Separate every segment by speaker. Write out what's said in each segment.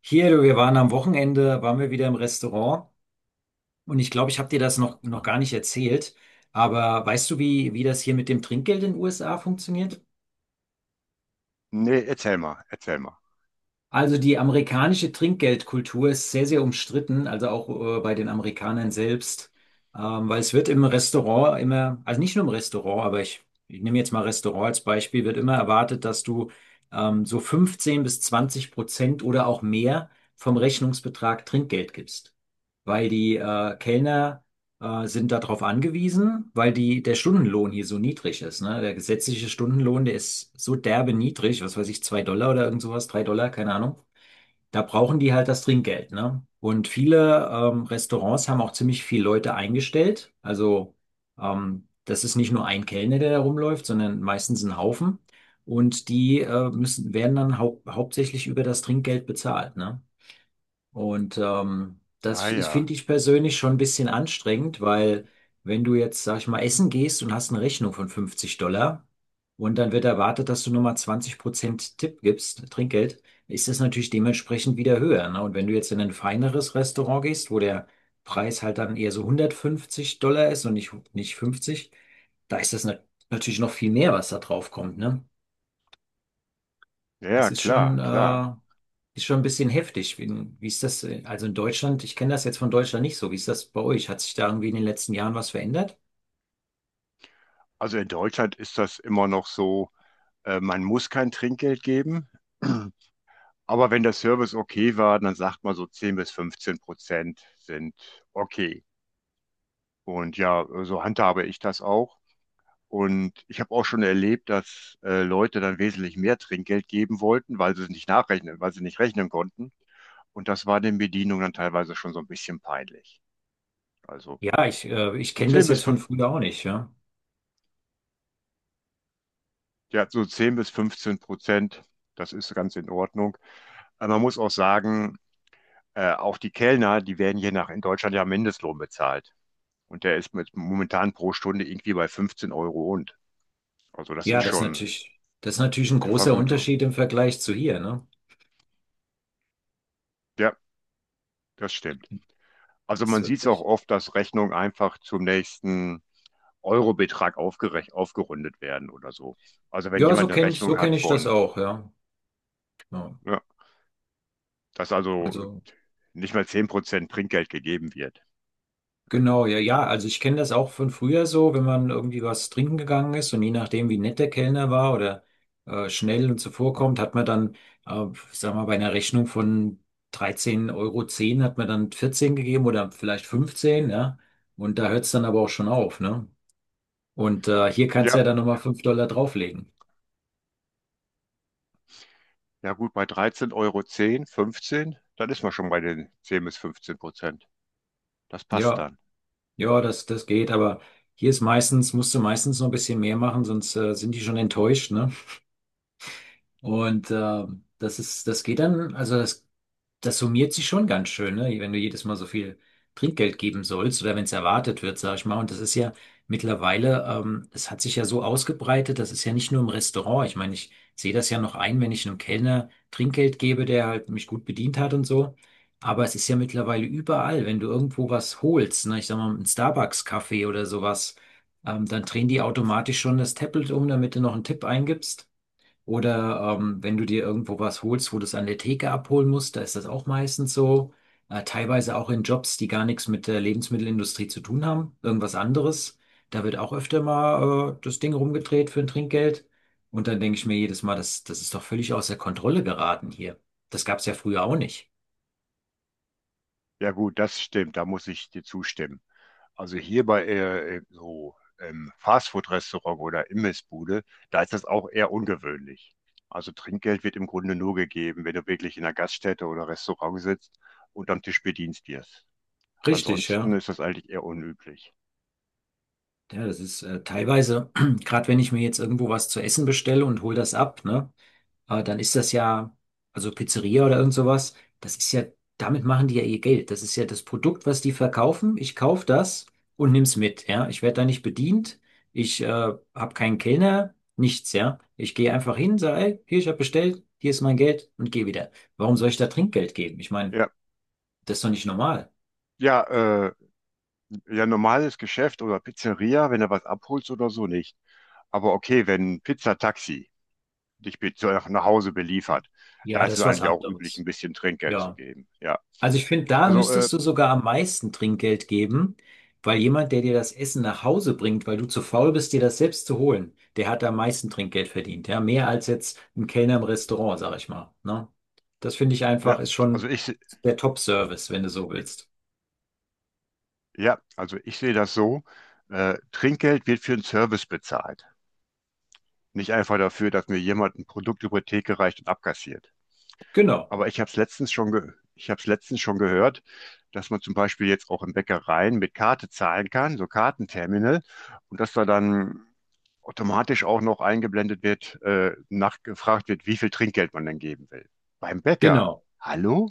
Speaker 1: Hier, du, wir waren am Wochenende waren wir wieder im Restaurant und ich glaube, ich habe dir das noch gar nicht erzählt, aber weißt du, wie das hier mit dem Trinkgeld in den USA funktioniert?
Speaker 2: Nee, erzähl mal, erzähl mal.
Speaker 1: Also die amerikanische Trinkgeldkultur ist sehr, sehr umstritten, also auch bei den Amerikanern selbst, weil es wird im Restaurant immer, also nicht nur im Restaurant, aber ich nehme jetzt mal Restaurant als Beispiel, wird immer erwartet, dass du so 15 bis 20% oder auch mehr vom Rechnungsbetrag Trinkgeld gibst. Weil die Kellner sind darauf angewiesen, weil der Stundenlohn hier so niedrig ist. Ne? Der gesetzliche Stundenlohn, der ist so derbe niedrig, was weiß ich, 2 Dollar oder irgend sowas, 3 Dollar, keine Ahnung. Da brauchen die halt das Trinkgeld. Ne? Und viele Restaurants haben auch ziemlich viele Leute eingestellt. Also das ist nicht nur ein Kellner, der da rumläuft, sondern meistens ein Haufen. Und die werden dann hauptsächlich über das Trinkgeld bezahlt, ne? Und
Speaker 2: Ah ja,
Speaker 1: finde ich persönlich schon ein bisschen anstrengend, weil wenn du jetzt, sag ich mal, essen gehst und hast eine Rechnung von 50 Dollar und dann wird erwartet, dass du nochmal 20% Tipp gibst, Trinkgeld, ist das natürlich dementsprechend wieder höher. Ne? Und wenn du jetzt in ein feineres Restaurant gehst, wo der Preis halt dann eher so 150 Dollar ist und nicht 50, da ist das natürlich noch viel mehr, was da drauf kommt, ne?
Speaker 2: ja,
Speaker 1: Das ist
Speaker 2: klar,
Speaker 1: schon,
Speaker 2: klar.
Speaker 1: äh, ist schon ein bisschen heftig. Wie ist das? Also in Deutschland, ich kenne das jetzt von Deutschland nicht so. Wie ist das bei euch? Hat sich da irgendwie in den letzten Jahren was verändert?
Speaker 2: Also in Deutschland ist das immer noch so, man muss kein Trinkgeld geben, aber wenn der Service okay war, dann sagt man so 10 bis 15% sind okay. Und ja, so handhabe ich das auch. Und ich habe auch schon erlebt, dass Leute dann wesentlich mehr Trinkgeld geben wollten, weil sie es nicht nachrechnen, weil sie nicht rechnen konnten. Und das war den Bedienungen dann teilweise schon so ein bisschen peinlich. Also,
Speaker 1: Ja, ich
Speaker 2: so
Speaker 1: kenne
Speaker 2: 10
Speaker 1: das
Speaker 2: bis
Speaker 1: jetzt von früher auch nicht, ja.
Speaker 2: ja, so 10 bis 15%, das ist ganz in Ordnung. Aber man muss auch sagen, auch die Kellner, die werden hier nach in Deutschland ja Mindestlohn bezahlt. Und der ist mit, momentan pro Stunde irgendwie bei 15 Euro und. Also, das
Speaker 1: Ja,
Speaker 2: ist
Speaker 1: das ist
Speaker 2: schon
Speaker 1: natürlich, das ist natürlich ein
Speaker 2: gute
Speaker 1: großer
Speaker 2: Vergütung.
Speaker 1: Unterschied im Vergleich zu hier, ne?
Speaker 2: Ja, das stimmt. Also
Speaker 1: Das ist
Speaker 2: man sieht es auch
Speaker 1: wirklich.
Speaker 2: oft, dass Rechnungen einfach zum nächsten Eurobetrag aufgerundet werden oder so. Also wenn
Speaker 1: Ja, so
Speaker 2: jemand eine
Speaker 1: kenne so
Speaker 2: Rechnung
Speaker 1: kenn
Speaker 2: hat
Speaker 1: ich das
Speaker 2: von,
Speaker 1: auch, ja. Ja.
Speaker 2: ja, dass also
Speaker 1: Also.
Speaker 2: nicht mal 10% Trinkgeld gegeben wird. Also.
Speaker 1: Genau, ja, ja. Also ich kenne das auch von früher so, wenn man irgendwie was trinken gegangen ist und je nachdem, wie nett der Kellner war oder schnell und zuvorkommt, hat man dann, äh, sagen wir mal, bei einer Rechnung von 13,10 Euro zehn hat man dann 14 gegeben oder vielleicht 15, ja. Und da hört es dann aber auch schon auf, ne? Und hier kannst du
Speaker 2: Ja,
Speaker 1: ja dann nochmal 5 Dollar drauflegen.
Speaker 2: ja gut, bei 13,10 Euro, 15, dann ist man schon bei den 10 bis 15%. Das passt
Speaker 1: Ja,
Speaker 2: dann.
Speaker 1: ja, das geht, aber hier ist meistens, musst du meistens noch ein bisschen mehr machen, sonst sind die schon enttäuscht, ne? Und das geht dann, also das summiert sich schon ganz schön, ne? Wenn du jedes Mal so viel Trinkgeld geben sollst oder wenn es erwartet wird, sag ich mal. Und das ist ja mittlerweile, es hat sich ja so ausgebreitet, das ist ja nicht nur im Restaurant. Ich meine, ich sehe das ja noch ein, wenn ich einem Kellner Trinkgeld gebe, der halt mich gut bedient hat und so. Aber es ist ja mittlerweile überall, wenn du irgendwo was holst, ne? Ich sag mal, einen Starbucks-Kaffee oder sowas, dann drehen die automatisch schon das Tablet um, damit du noch einen Tipp eingibst. Oder wenn du dir irgendwo was holst, wo du es an der Theke abholen musst, da ist das auch meistens so. Teilweise auch in Jobs, die gar nichts mit der Lebensmittelindustrie zu tun haben, irgendwas anderes. Da wird auch öfter mal das Ding rumgedreht für ein Trinkgeld. Und dann denke ich mir jedes Mal, das ist doch völlig außer Kontrolle geraten hier. Das gab es ja früher auch nicht.
Speaker 2: Ja gut, das stimmt, da muss ich dir zustimmen. Also hier bei so Fastfood-Restaurant oder Imbissbude, da ist das auch eher ungewöhnlich. Also Trinkgeld wird im Grunde nur gegeben, wenn du wirklich in einer Gaststätte oder Restaurant sitzt und am Tisch bedient wirst.
Speaker 1: Richtig,
Speaker 2: Ansonsten
Speaker 1: ja.
Speaker 2: ist das eigentlich eher unüblich.
Speaker 1: Ja, das ist teilweise, gerade wenn ich mir jetzt irgendwo was zu essen bestelle und hol das ab, ne? Dann ist das ja, also Pizzeria oder irgend sowas, das ist ja, damit machen die ja ihr Geld. Das ist ja das Produkt, was die verkaufen. Ich kaufe das und nimm's mit, ja. Ich werde da nicht bedient. Ich habe keinen Kellner, nichts, ja. Ich gehe einfach hin, sage, ey, hier, ich habe bestellt, hier ist mein Geld und gehe wieder. Warum soll ich da Trinkgeld geben? Ich meine,
Speaker 2: Ja,
Speaker 1: das ist doch nicht normal.
Speaker 2: ja, äh, ja, normales Geschäft oder Pizzeria, wenn du was abholst oder so nicht. Aber okay, wenn ein Pizzataxi dich nach Hause beliefert, da
Speaker 1: Ja,
Speaker 2: ist
Speaker 1: das
Speaker 2: es
Speaker 1: ist was
Speaker 2: eigentlich auch üblich,
Speaker 1: anderes.
Speaker 2: ein bisschen Trinkgeld zu
Speaker 1: Ja.
Speaker 2: geben. Ja,
Speaker 1: Also ich finde, da
Speaker 2: also,
Speaker 1: müsstest du sogar am meisten Trinkgeld geben, weil jemand, der dir das Essen nach Hause bringt, weil du zu faul bist, dir das selbst zu holen, der hat am meisten Trinkgeld verdient. Ja, mehr als jetzt ein Kellner im Restaurant, sag ich mal. Ne? Das finde ich einfach,
Speaker 2: ja,
Speaker 1: ist schon
Speaker 2: also
Speaker 1: der Top-Service, wenn du so
Speaker 2: i-
Speaker 1: willst.
Speaker 2: ja, also ich sehe das so: Trinkgeld wird für einen Service bezahlt, nicht einfach dafür, dass mir jemand ein Produkt über die Theke reicht und abkassiert.
Speaker 1: Genau,
Speaker 2: Aber ich habe es letztens schon gehört, dass man zum Beispiel jetzt auch in Bäckereien mit Karte zahlen kann, so Kartenterminal, und dass da dann automatisch auch noch eingeblendet wird, nachgefragt wird, wie viel Trinkgeld man denn geben will. Beim Bäcker,
Speaker 1: genau.
Speaker 2: hallo?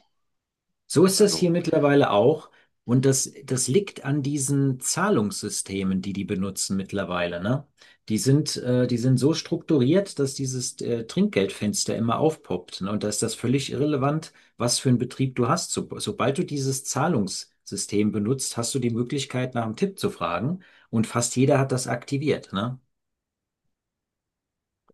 Speaker 1: So ist das
Speaker 2: Also,
Speaker 1: hier mittlerweile auch. Und das liegt an diesen Zahlungssystemen, die die benutzen mittlerweile, ne? Die sind so strukturiert, dass dieses Trinkgeldfenster immer aufpoppt, ne? Und da ist das völlig irrelevant, was für einen Betrieb du hast. So, sobald du dieses Zahlungssystem benutzt, hast du die Möglichkeit, nach einem Tipp zu fragen. Und fast jeder hat das aktiviert, ne?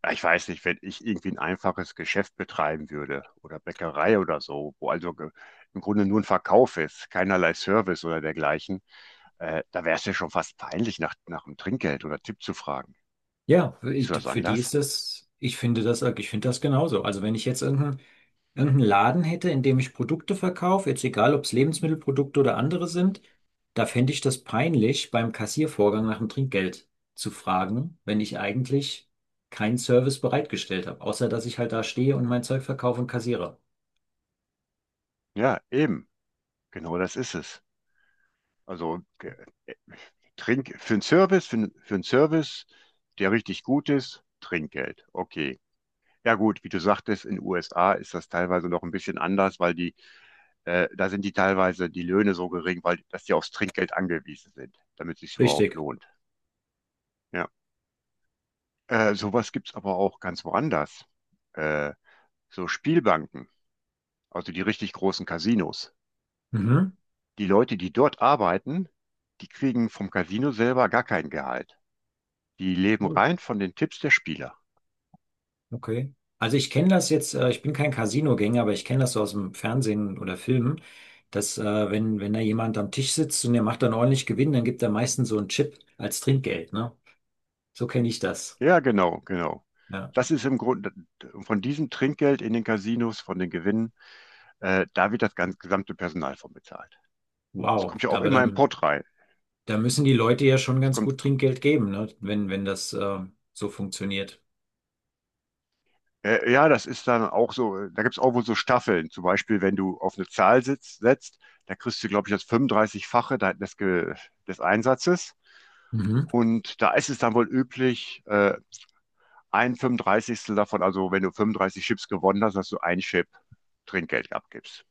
Speaker 2: ja, ich weiß nicht, wenn ich irgendwie ein einfaches Geschäft betreiben würde oder Bäckerei oder so, wo also im Grunde nur ein Verkauf ist, keinerlei Service oder dergleichen, da wäre es ja schon fast peinlich, nach dem Trinkgeld oder Tipp zu fragen.
Speaker 1: Ja, für,
Speaker 2: Siehst
Speaker 1: ich,
Speaker 2: du das
Speaker 1: für die
Speaker 2: anders?
Speaker 1: ist das, ich finde das, ich finde das genauso. Also wenn ich jetzt irgendeinen Laden hätte, in dem ich Produkte verkaufe, jetzt egal, ob es Lebensmittelprodukte oder andere sind, da fände ich das peinlich, beim Kassiervorgang nach dem Trinkgeld zu fragen, wenn ich eigentlich keinen Service bereitgestellt habe, außer dass ich halt da stehe und mein Zeug verkaufe und kassiere.
Speaker 2: Ja, eben. Genau das ist es. Also äh, Trink für einen Service, für einen Service, der richtig gut ist, Trinkgeld. Okay. Ja gut, wie du sagtest, in den USA ist das teilweise noch ein bisschen anders, weil da sind die teilweise die Löhne so gering, weil dass die aufs Trinkgeld angewiesen sind, damit es sich überhaupt
Speaker 1: Richtig.
Speaker 2: lohnt. Ja. Sowas gibt's aber auch ganz woanders. Äh, so Spielbanken, also die richtig großen Casinos.
Speaker 1: Mhm.
Speaker 2: Die Leute, die dort arbeiten, die kriegen vom Casino selber gar kein Gehalt. Die leben rein von den Tipps der Spieler.
Speaker 1: Okay. Also ich kenne das jetzt, ich bin kein Casino-Gänger, aber ich kenne das so aus dem Fernsehen oder Filmen, dass wenn da jemand am Tisch sitzt und der macht dann ordentlich Gewinn, dann gibt er meistens so einen Chip als Trinkgeld, ne? So kenne ich das.
Speaker 2: Ja, genau, genau.
Speaker 1: Ja.
Speaker 2: Das ist im Grunde von diesem Trinkgeld in den Casinos, von den Gewinnen, da wird das ganze gesamte Personal von bezahlt. Das
Speaker 1: Wow.
Speaker 2: kommt ja auch
Speaker 1: Aber
Speaker 2: immer im
Speaker 1: dann,
Speaker 2: Pott rein.
Speaker 1: da müssen die Leute ja schon
Speaker 2: Das
Speaker 1: ganz
Speaker 2: kommt,
Speaker 1: gut Trinkgeld geben, ne? Wenn das so funktioniert.
Speaker 2: ja, das ist dann auch so, da gibt es auch wohl so Staffeln. Zum Beispiel, wenn du auf eine Zahl setzt, da kriegst du, glaube ich, das 35-fache des Einsatzes.
Speaker 1: Mhm.
Speaker 2: Und da ist es dann wohl üblich, ein fünfunddreißigstel davon, also wenn du 35 Chips gewonnen hast, dass du ein Chip Trinkgeld abgibst.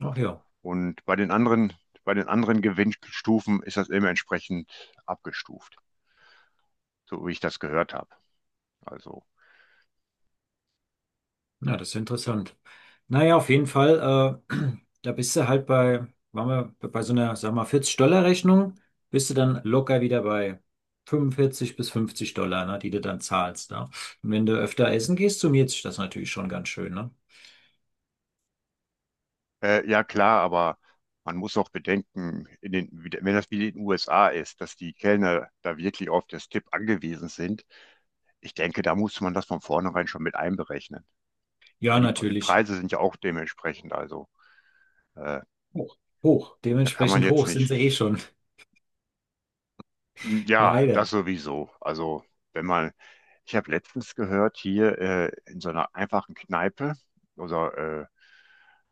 Speaker 1: Ach ja.
Speaker 2: Und bei den anderen Gewinnstufen ist das immer entsprechend abgestuft, so wie ich das gehört habe. Also,
Speaker 1: Ja, das ist ja interessant. Naja, auf jeden Fall, da bist du halt bei, waren wir bei so einer, sag mal, 40-Dollar-Rechnung, bist du dann locker wieder bei 45 bis 50 Dollar, ne, die du dann zahlst. Ne? Und wenn du öfter essen gehst, summiert sich das natürlich schon ganz schön, ne?
Speaker 2: ja, klar, aber man muss auch bedenken, wenn das wie in den USA ist, dass die Kellner da wirklich auf das Tipp angewiesen sind. Ich denke, da muss man das von vornherein schon mit einberechnen,
Speaker 1: Ja,
Speaker 2: weil die
Speaker 1: natürlich.
Speaker 2: Preise sind ja auch dementsprechend. Also, äh,
Speaker 1: Hoch. Hoch.
Speaker 2: da kann man
Speaker 1: Dementsprechend
Speaker 2: jetzt
Speaker 1: hoch sind sie eh
Speaker 2: nicht.
Speaker 1: schon.
Speaker 2: Hm. Ja,
Speaker 1: Leider.
Speaker 2: das sowieso. Also, wenn man, ich habe letztens gehört, hier in so einer einfachen Kneipe oder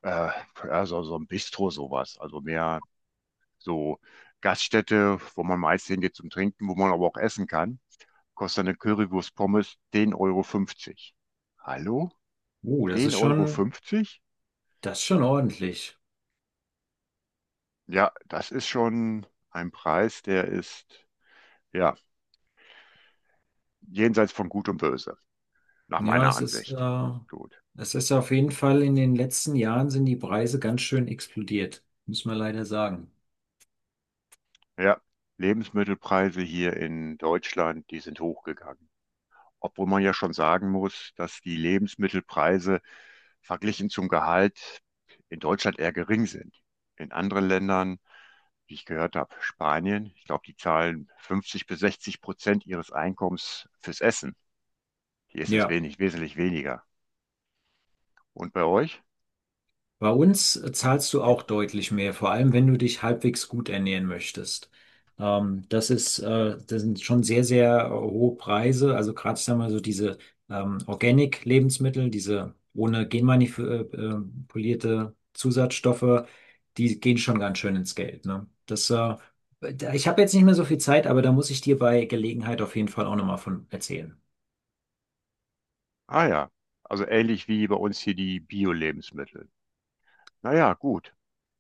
Speaker 2: äh, äh, ja, so ein Bistro sowas, also mehr so Gaststätte, wo man meist hingeht zum Trinken, wo man aber auch essen kann, kostet eine Currywurst Pommes 10,50 Euro fünfzig. Hallo?
Speaker 1: Uh, das ist
Speaker 2: 10,50
Speaker 1: schon,
Speaker 2: Euro? fünfzig?
Speaker 1: das ist schon ordentlich.
Speaker 2: Ja, das ist schon ein Preis, der ist, ja, jenseits von Gut und Böse, nach
Speaker 1: Ja,
Speaker 2: meiner
Speaker 1: es ist,
Speaker 2: Ansicht.
Speaker 1: äh,
Speaker 2: Gut.
Speaker 1: es ist auf jeden Fall in den letzten Jahren sind die Preise ganz schön explodiert, muss man leider sagen.
Speaker 2: Ja, Lebensmittelpreise hier in Deutschland, die sind hochgegangen. Obwohl man ja schon sagen muss, dass die Lebensmittelpreise verglichen zum Gehalt in Deutschland eher gering sind. In anderen Ländern, wie ich gehört habe, Spanien, ich glaube, die zahlen 50 bis 60% ihres Einkommens fürs Essen. Hier ist es
Speaker 1: Ja.
Speaker 2: wenig, wesentlich weniger. Und bei euch?
Speaker 1: Bei uns zahlst du auch deutlich mehr, vor allem wenn du dich halbwegs gut ernähren möchtest. Das sind schon sehr, sehr hohe Preise. Also gerade, sagen wir mal, so, diese Organic-Lebensmittel, diese ohne genmanipulierte Zusatzstoffe, die gehen schon ganz schön ins Geld, ne? Ich habe jetzt nicht mehr so viel Zeit, aber da muss ich dir bei Gelegenheit auf jeden Fall auch nochmal von erzählen.
Speaker 2: Ah ja, also ähnlich wie bei uns hier die Bio-Lebensmittel. Naja, gut.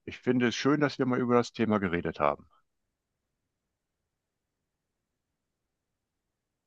Speaker 2: Ich finde es schön, dass wir mal über das Thema geredet haben.